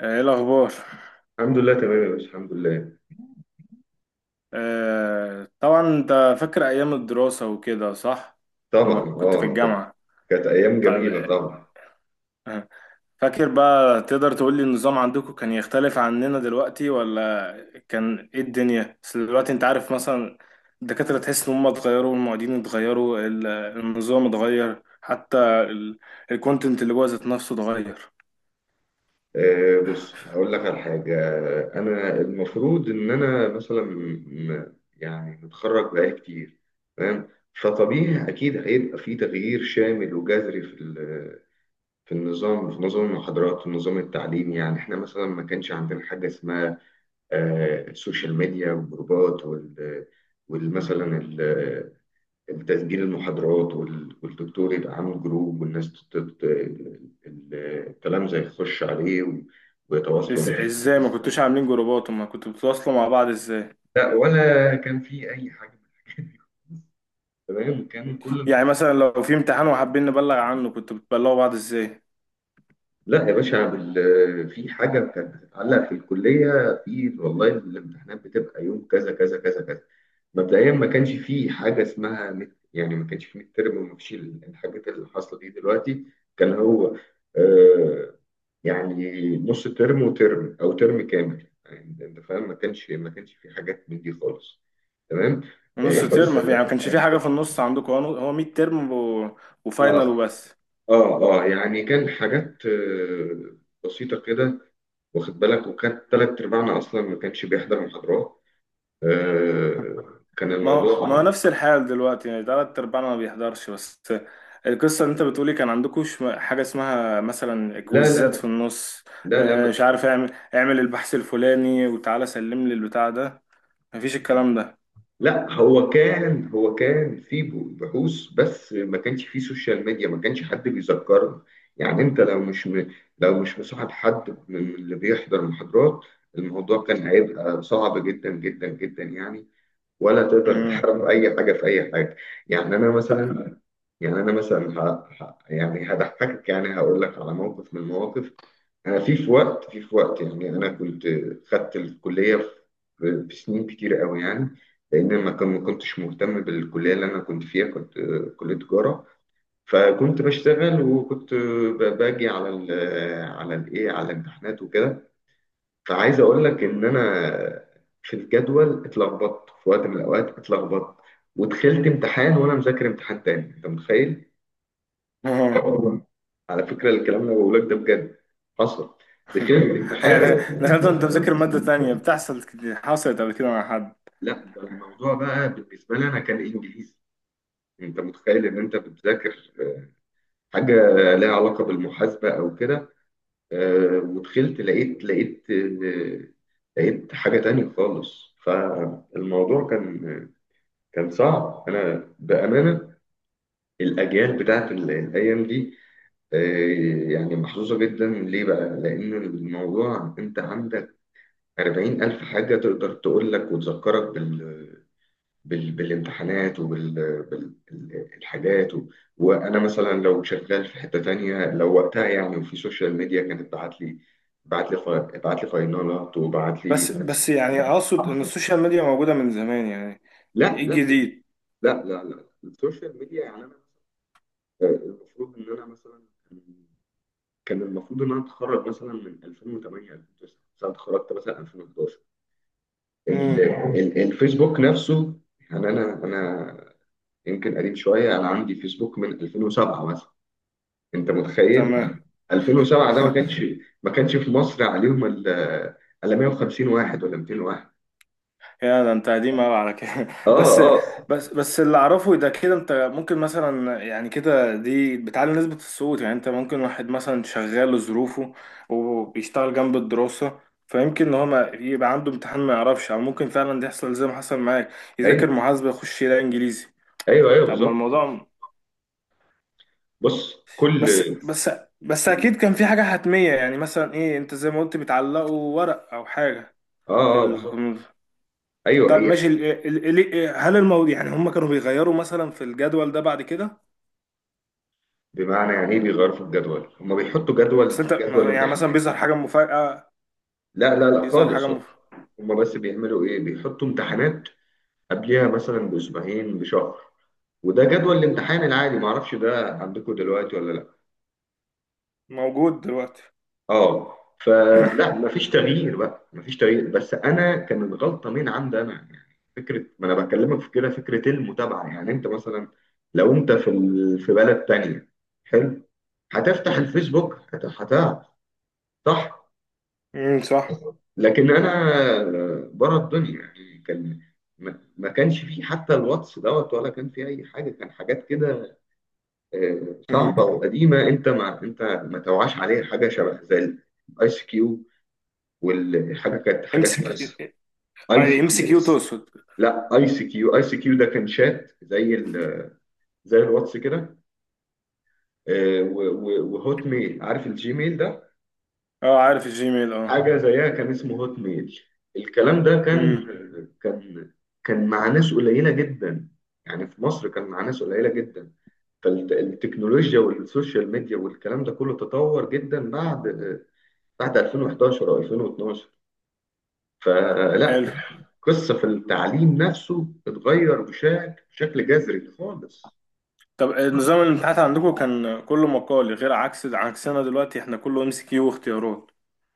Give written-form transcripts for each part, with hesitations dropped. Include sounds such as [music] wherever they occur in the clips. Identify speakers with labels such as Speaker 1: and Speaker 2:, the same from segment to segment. Speaker 1: ايه الاخبار؟
Speaker 2: الحمد لله، تمام يا باشا، الحمد لله.
Speaker 1: آه طبعا، انت فاكر ايام الدراسة وكده صح؟
Speaker 2: طبعا.
Speaker 1: لما كنت في
Speaker 2: اه ده
Speaker 1: الجامعة.
Speaker 2: كانت ايام
Speaker 1: طيب.
Speaker 2: جميله طبعا.
Speaker 1: آه، فاكر بقى تقدر تقول لي النظام عندكم كان يختلف عننا دلوقتي ولا كان ايه الدنيا؟ بس دلوقتي انت عارف مثلا الدكاترة تحس ان هم اتغيروا، المعيدين اتغيروا، النظام اتغير، حتى الكونتنت اللي جوه ذات نفسه اتغير.
Speaker 2: آه، بص هقول لك على حاجه. انا المفروض ان مثلا يعني متخرج بقالي كتير، تمام. فطبيعي اكيد هيبقى في تغيير شامل وجذري في النظام، في نظام المحاضرات والنظام التعليمي. يعني احنا مثلا ما كانش عندنا حاجه اسمها آه، السوشيال ميديا والجروبات وال والمثلا تسجيل المحاضرات، والدكتور يبقى عامل جروب، والناس ال- الكلام زي يخش عليه، ويتواصلوا معاه.
Speaker 1: ازاي ما كنتوش عاملين جروبات وما كنتوا بتتواصلوا مع بعض ازاي؟
Speaker 2: لا، ولا كان في اي حاجه من الحاجات دي. تمام، كان كل
Speaker 1: يعني
Speaker 2: القصه...
Speaker 1: مثلا لو في امتحان وحابين نبلغ عنه كنتوا بتبلغوا بعض ازاي؟
Speaker 2: لا يا باشا، في حاجه كانت بتتعلق في الكليه، في والله الامتحانات بتبقى يوم كذا كذا كذا كذا. مبدئيا ما كانش في حاجه اسمها مت، يعني ما كانش في ميد ترم، وما فيش الحاجات اللي حاصله دي دلوقتي. كان هو آه، يعني نص ترم وترم، او ترم كامل يعني، انت فاهم. ما كانش في حاجات من دي خالص، تمام.
Speaker 1: نص
Speaker 2: آه، بس.
Speaker 1: ترم، في يعني ما كانش في حاجه في النص عندكم؟ هو 100 ترم وفاينل
Speaker 2: اه،
Speaker 1: وبس؟
Speaker 2: اه، اه، يعني كان حاجات آه، بسيطة كده، واخد بالك. وكان تلات أرباعنا أصلا ما كانش بيحضر محاضرات. آه، كان
Speaker 1: ما هو
Speaker 2: الموضوع...
Speaker 1: نفس الحال دلوقتي، يعني تلات ارباعنا ما بيحضرش. بس القصه اللي انت بتقولي كان عندكوش حاجه اسمها مثلا
Speaker 2: لا، لا،
Speaker 1: كويزات في
Speaker 2: لا.
Speaker 1: النص.
Speaker 2: لا لا ما
Speaker 1: مش عارف اعمل البحث الفلاني وتعالى سلم لي البتاع ده. مفيش الكلام ده.
Speaker 2: لا هو كان في بحوث، بس ما كانش في سوشيال ميديا، ما كانش حد بيذكرنا. يعني انت لو مش لو مش مصاحب حد من اللي بيحضر محاضرات، الموضوع كان هيبقى صعب جدا جدا جدا يعني، ولا تقدر
Speaker 1: امم.
Speaker 2: تعرف اي حاجه في اي حاجه. يعني انا مثلا، يعني هضحكك، يعني هقول لك على موقف من المواقف. أنا في في وقت، في في وقت، يعني أنا كنت خدت الكلية في سنين كتير قوي يعني، لأن ما كنتش مهتم بالكلية اللي أنا كنت فيها. كنت آه، كلية تجارة، فكنت بشتغل وكنت آه، باجي على ال على الإيه على الامتحانات وكده. فعايز أقول لك إن أنا في الجدول اتلخبطت، في وقت من الأوقات اتلخبطت، ودخلت امتحان وأنا مذاكر امتحان تاني. أنت متخيل؟ آه
Speaker 1: [laughs]
Speaker 2: والله، على فكرة الكلام اللي بقوله لك ده بجد حصل. دخلت امتحان...
Speaker 1: يعني دخلت انت مذاكر ماده تانية؟ حصلت قبل كده مع حد؟
Speaker 2: لا، ده الموضوع بقى بالنسبة لي أنا كان إنجليزي. أنت متخيل إن أنت بتذاكر حاجة لها علاقة بالمحاسبة أو كده، آه، ودخلت لقيت آه، لقيت حاجة تانية خالص! فالموضوع كان صعب. أنا بأمانة، الأجيال بتاعت الأيام دي إيه يعني، محظوظة جدا. ليه بقى؟ لأن الموضوع، أنت عندك أربعين ألف حاجة تقدر تقول لك وتذكرك بالامتحانات وبالحاجات، الحاجات وأنا مثلا لو شغال في حتة تانية، لو وقتها يعني وفي سوشيال ميديا، كانت بعت لي، بعت لي ف... بعت لي فاينالات، وبعت لي،
Speaker 1: بس بس
Speaker 2: بس...
Speaker 1: يعني اقصد ان السوشيال ميديا موجودة من زمان، يعني
Speaker 2: لا،
Speaker 1: ايه
Speaker 2: لا،
Speaker 1: الجديد؟
Speaker 2: لا، لا، لا. السوشيال ميديا يعني، أنا آه، المفروض إن أنا مثلا... كان المفروض ان انا اتخرج مثلا من 2008 2009، بس انا اتخرجت مثلا 2011. ال-
Speaker 1: امم.
Speaker 2: الفيسبوك نفسه يعني، انا يمكن قديم شويه، انا عندي فيسبوك من 2007 مثلا، انت متخيل؟
Speaker 1: تمام.
Speaker 2: 2007 ده ما
Speaker 1: [laughs]
Speaker 2: كانش، في مصر عليهم الا 150 واحد ولا 200 واحد.
Speaker 1: يا ده انت قديم قوي على كده. [laughs]
Speaker 2: اه،
Speaker 1: بس
Speaker 2: اه،
Speaker 1: بس بس اللي اعرفه ده كده، انت ممكن مثلا يعني كده دي بتعلي نسبة الصوت. يعني انت ممكن واحد مثلا شغال لظروفه وبيشتغل جنب الدراسة، فيمكن ان هو يبقى عنده امتحان ما يعرفش، او ممكن فعلا ده يحصل زي ما حصل معاك، يذاكر
Speaker 2: ايوه،
Speaker 1: محاسبة يخش يلاقي انجليزي.
Speaker 2: ايوه، ايوه،
Speaker 1: طب ما
Speaker 2: بالظبط.
Speaker 1: الموضوع.
Speaker 2: بص كل...
Speaker 1: بس بس بس اكيد كان في حاجه حتميه، يعني مثلا ايه، انت زي ما قلت بتعلقوا ورق او حاجه في
Speaker 2: اه، اه، بالظبط.
Speaker 1: الكمبيوتر.
Speaker 2: ايوه،
Speaker 1: طب
Speaker 2: هي.
Speaker 1: ماشي، ال ال ال هل الموضوع يعني هم كانوا بيغيروا مثلا في الجدول ده بعد كده؟
Speaker 2: بمعنى يعني ايه بيغيروا في الجدول؟ هم بيحطوا
Speaker 1: بس انت،
Speaker 2: جدول
Speaker 1: يعني مثلا
Speaker 2: امتحانات،
Speaker 1: بيظهر حاجه مفاجاه؟
Speaker 2: لا لا لا
Speaker 1: بيظهر حاجه
Speaker 2: خالص.
Speaker 1: مف...
Speaker 2: هما بس بيعملوا ايه، بيحطوا امتحانات قبلها مثلا باسبوعين، بشهر، وده جدول الامتحان العادي، معرفش ده عندكم دلوقتي ولا لا.
Speaker 1: موجود دلوقتي.
Speaker 2: اه، فلا مفيش تغيير بقى، مفيش تغيير، بس انا كانت غلطه من عند انا يعني. فكره، ما انا بكلمك في كده، فكره المتابعه يعني. انت مثلا لو انت في بلد تانية، حلو، هتفتح الفيسبوك، هتعرف، صح.
Speaker 1: امم، صح.
Speaker 2: لكن انا بره الدنيا يعني، كان ما كانش فيه حتى الواتس دوت، ولا كان فيه اي حاجه. كان حاجات كده آه، صعبه وقديمه، انت ما توعاش عليها. حاجه شبه زي الايس كيو، والحاجه كانت
Speaker 1: ام
Speaker 2: حاجه
Speaker 1: سي
Speaker 2: اسمها
Speaker 1: كيو،
Speaker 2: ايس
Speaker 1: ام
Speaker 2: كيو.
Speaker 1: سي كيو تقصد.
Speaker 2: لا، ايس كيو، ده كان شات زي زي الواتس كده. آه، وهوت ميل، عارف الجيميل ده،
Speaker 1: اه، عارف الجيميل، اه.
Speaker 2: حاجة زيها، كان اسمه هوت ميل. الكلام ده كان
Speaker 1: امم.
Speaker 2: كان كان مع ناس قليلة جدا، يعني في مصر كان مع ناس قليلة جدا. فالتكنولوجيا والسوشيال ميديا والكلام ده كله تطور جدا بعد 2011 أو 2012. فلا،
Speaker 1: حلو.
Speaker 2: قصة في التعليم نفسه اتغير بشكل جذري خالص.
Speaker 1: طب نظام الامتحانات عندكم كان كله مقالي، غير عكس عكسنا دلوقتي احنا كله MCQ واختيارات.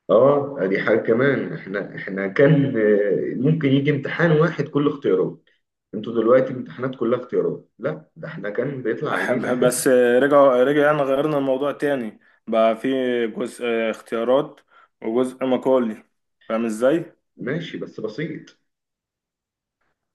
Speaker 2: اه، دي حاجة كمان. احنا كان آه، ممكن يجي امتحان واحد كل اختيارات. انتوا دلوقتي امتحانات كلها اختيارات، لا ده احنا كان بيطلع عينينا.
Speaker 1: بس رجع، رجع يعني غيرنا الموضوع تاني، بقى في جزء اختيارات وجزء مقالي. فاهم ازاي؟
Speaker 2: ماشي بس بسيط.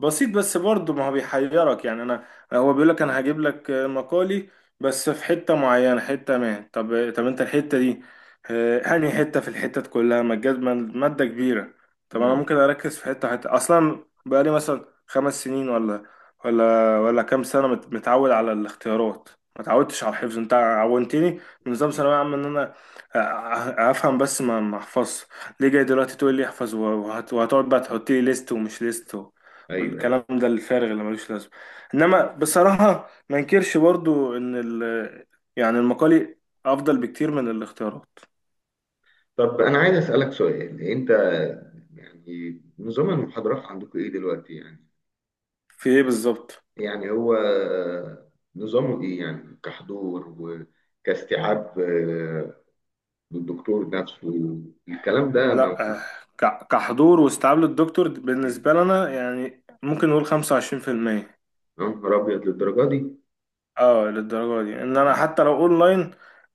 Speaker 1: بسيط، بس برضه ما هو بيحيرك، يعني انا هو بيقول لك انا هجيب لك مقالي بس في حته معينه، حته ما. طب طب انت الحته دي انهي حته في الحتت كلها؟ ما ماده كبيره، طب انا
Speaker 2: امم،
Speaker 1: ممكن اركز في حته؟ حته اصلا بقالي مثلا 5 سنين ولا كام سنه متعود على الاختيارات، ما تعودتش على الحفظ. انت عودتني من نظام ثانويه عامه ان انا افهم بس ما احفظش، ليه جاي دلوقتي تقول لي احفظ وهتقعد بقى تحط لي ليست ومش ليست
Speaker 2: ايوه.
Speaker 1: والكلام ده الفارغ اللي ملوش لازمه؟ انما بصراحه ما انكرش برضو ان ال، يعني المقالي افضل بكتير من الاختيارات.
Speaker 2: طب انا عايز اسالك سؤال، انت يعني نظام المحاضرات عندكم ايه دلوقتي يعني؟
Speaker 1: في ايه بالظبط؟
Speaker 2: يعني هو نظامه ايه يعني، كحضور وكاستيعاب آه، للدكتور نفسه، الكلام ده
Speaker 1: لا
Speaker 2: موجود؟
Speaker 1: كحضور واستيعاب للدكتور
Speaker 2: يا
Speaker 1: بالنسبه لنا يعني ممكن نقول 25%.
Speaker 2: نهار ابيض، للدرجه دي!
Speaker 1: اه، للدرجه دي، ان انا حتى لو اونلاين،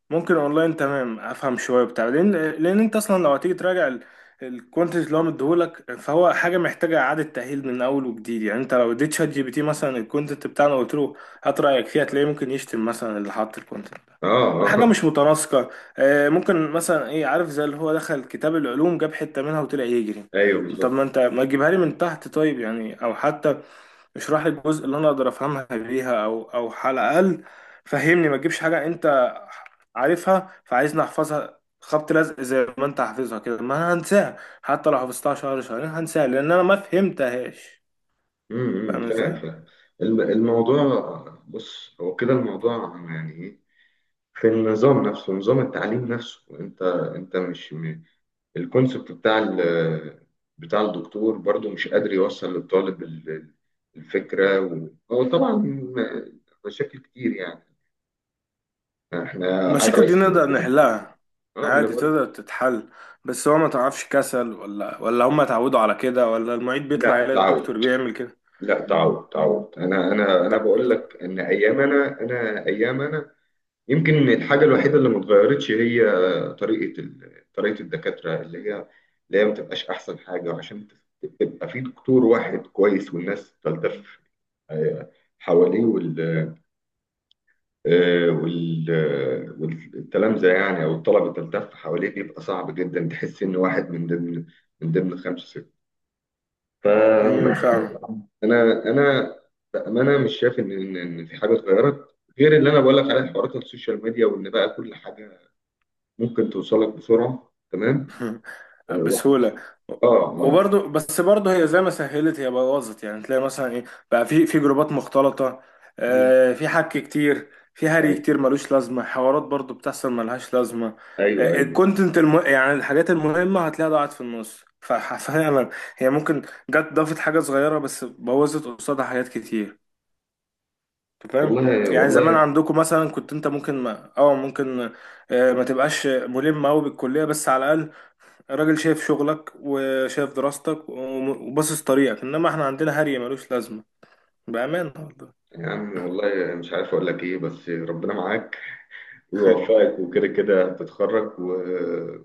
Speaker 1: ممكن اونلاين تمام افهم شويه بتاع، لان انت اصلا لو هتيجي تراجع الكونتنت اللي هو مديهولك، فهو حاجه محتاجه اعاده تاهيل من اول وجديد. يعني انت لو اديت ChatGPT مثلا الكونتنت بتاعنا وقلت له هات رايك فيها هتلاقيه ممكن يشتم مثلا اللي حط الكونتنت،
Speaker 2: اه،
Speaker 1: ده حاجه مش
Speaker 2: اه،
Speaker 1: متناسقه. ممكن مثلا ايه، عارف زي اللي هو دخل كتاب العلوم جاب حته منها وطلع يجري.
Speaker 2: ايوه،
Speaker 1: طب ما
Speaker 2: بالظبط.
Speaker 1: انت ما تجيبها لي من تحت طيب، يعني او حتى اشرح لي الجزء اللي انا اقدر افهمها بيها، او على الاقل فهمني. ما تجيبش حاجه انت عارفها فعايزني احفظها خبط لزق زي ما انت حافظها كده، ما انا هنساها، حتى لو حفظتها شهر شهرين هنساها لان انا ما فهمتهاش.
Speaker 2: امم،
Speaker 1: فاهم
Speaker 2: فاهم،
Speaker 1: ازاي؟
Speaker 2: فاهم. الموضوع، بص هو كده الموضوع، يعني ايه؟ في النظام نفسه، نظام التعليم نفسه، انت مش الكونسبت بتاع بتاع الدكتور برضو مش قادر يوصل للطالب الفكرة، هو طبعا مشاكل كتير يعني. احنا عايز...
Speaker 1: المشاكل دي
Speaker 2: اه،
Speaker 1: نقدر نحلها
Speaker 2: ما انا
Speaker 1: عادي،
Speaker 2: بقول...
Speaker 1: تقدر تتحل. بس هو ما تعرفش، كسل ولا هم اتعودوا على كده، ولا المعيد بيطلع
Speaker 2: لا،
Speaker 1: يلاقي
Speaker 2: تعود.
Speaker 1: الدكتور بيعمل كده.
Speaker 2: لا، تعود، تعود. انا بقول
Speaker 1: ف-
Speaker 2: لك ان ايام انا، ايام انا... يمكن الحاجة الوحيدة اللي ما اتغيرتش هي طريقة طريقة الدكاترة، اللي هي اللي هي ما تبقاش أحسن حاجة. وعشان تبقى في دكتور واحد كويس والناس تلتف آه، حواليه والتلامذة يعني، أو الطلبة تلتف حواليه، بيبقى صعب جدا تحس إن واحد من ضمن خمسة ستة ف...
Speaker 1: امم، فاهم.
Speaker 2: [laughs] أنا بأمانة مش شايف إن في حاجة اتغيرت غير اللي أنا بقول لك عليه، حوارات السوشيال ميديا، وإن بقى كل حاجة ممكن توصلك بسرعة، تمام. آه،
Speaker 1: [laughs]
Speaker 2: واخد،
Speaker 1: بسهولة.
Speaker 2: اه، ما...
Speaker 1: وبرضه بس برضه هي زي ما سهلت هي بوظت، يعني تلاقي مثلا ايه، بقى في جروبات مختلطة،
Speaker 2: مم.
Speaker 1: في حك كتير، في هري
Speaker 2: أيوة،
Speaker 1: كتير ملوش لازمة، حوارات برضه بتحصل ملهاش لازمة.
Speaker 2: أيوة، أيوة.
Speaker 1: الكونتنت يعني الحاجات المهمة هتلاقيها ضاعت في النص، ففعلا هي ممكن جت ضافت حاجة صغيرة بس بوظت قصادها حاجات كتير. أنت فاهم،
Speaker 2: والله
Speaker 1: يعني زمان
Speaker 2: والله،
Speaker 1: عندكم مثلا كنت انت ممكن، ما اه ممكن ما تبقاش ملم قوي بالكلية، بس على الأقل الراجل شايف شغلك وشايف دراستك وباصص طريقك، انما احنا عندنا هري ملوش لازمة، بأمانة والله.
Speaker 2: يا عم والله مش عارف أقول لك إيه، بس ربنا معاك
Speaker 1: [laughs]
Speaker 2: ويوفقك، وكده كده هتتخرج و...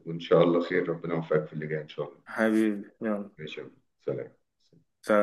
Speaker 2: وإن شاء الله خير، ربنا يوفقك في اللي جاي إن شاء الله.
Speaker 1: حبيبي يلا،
Speaker 2: ماشي يا عم. سلام.
Speaker 1: سلام.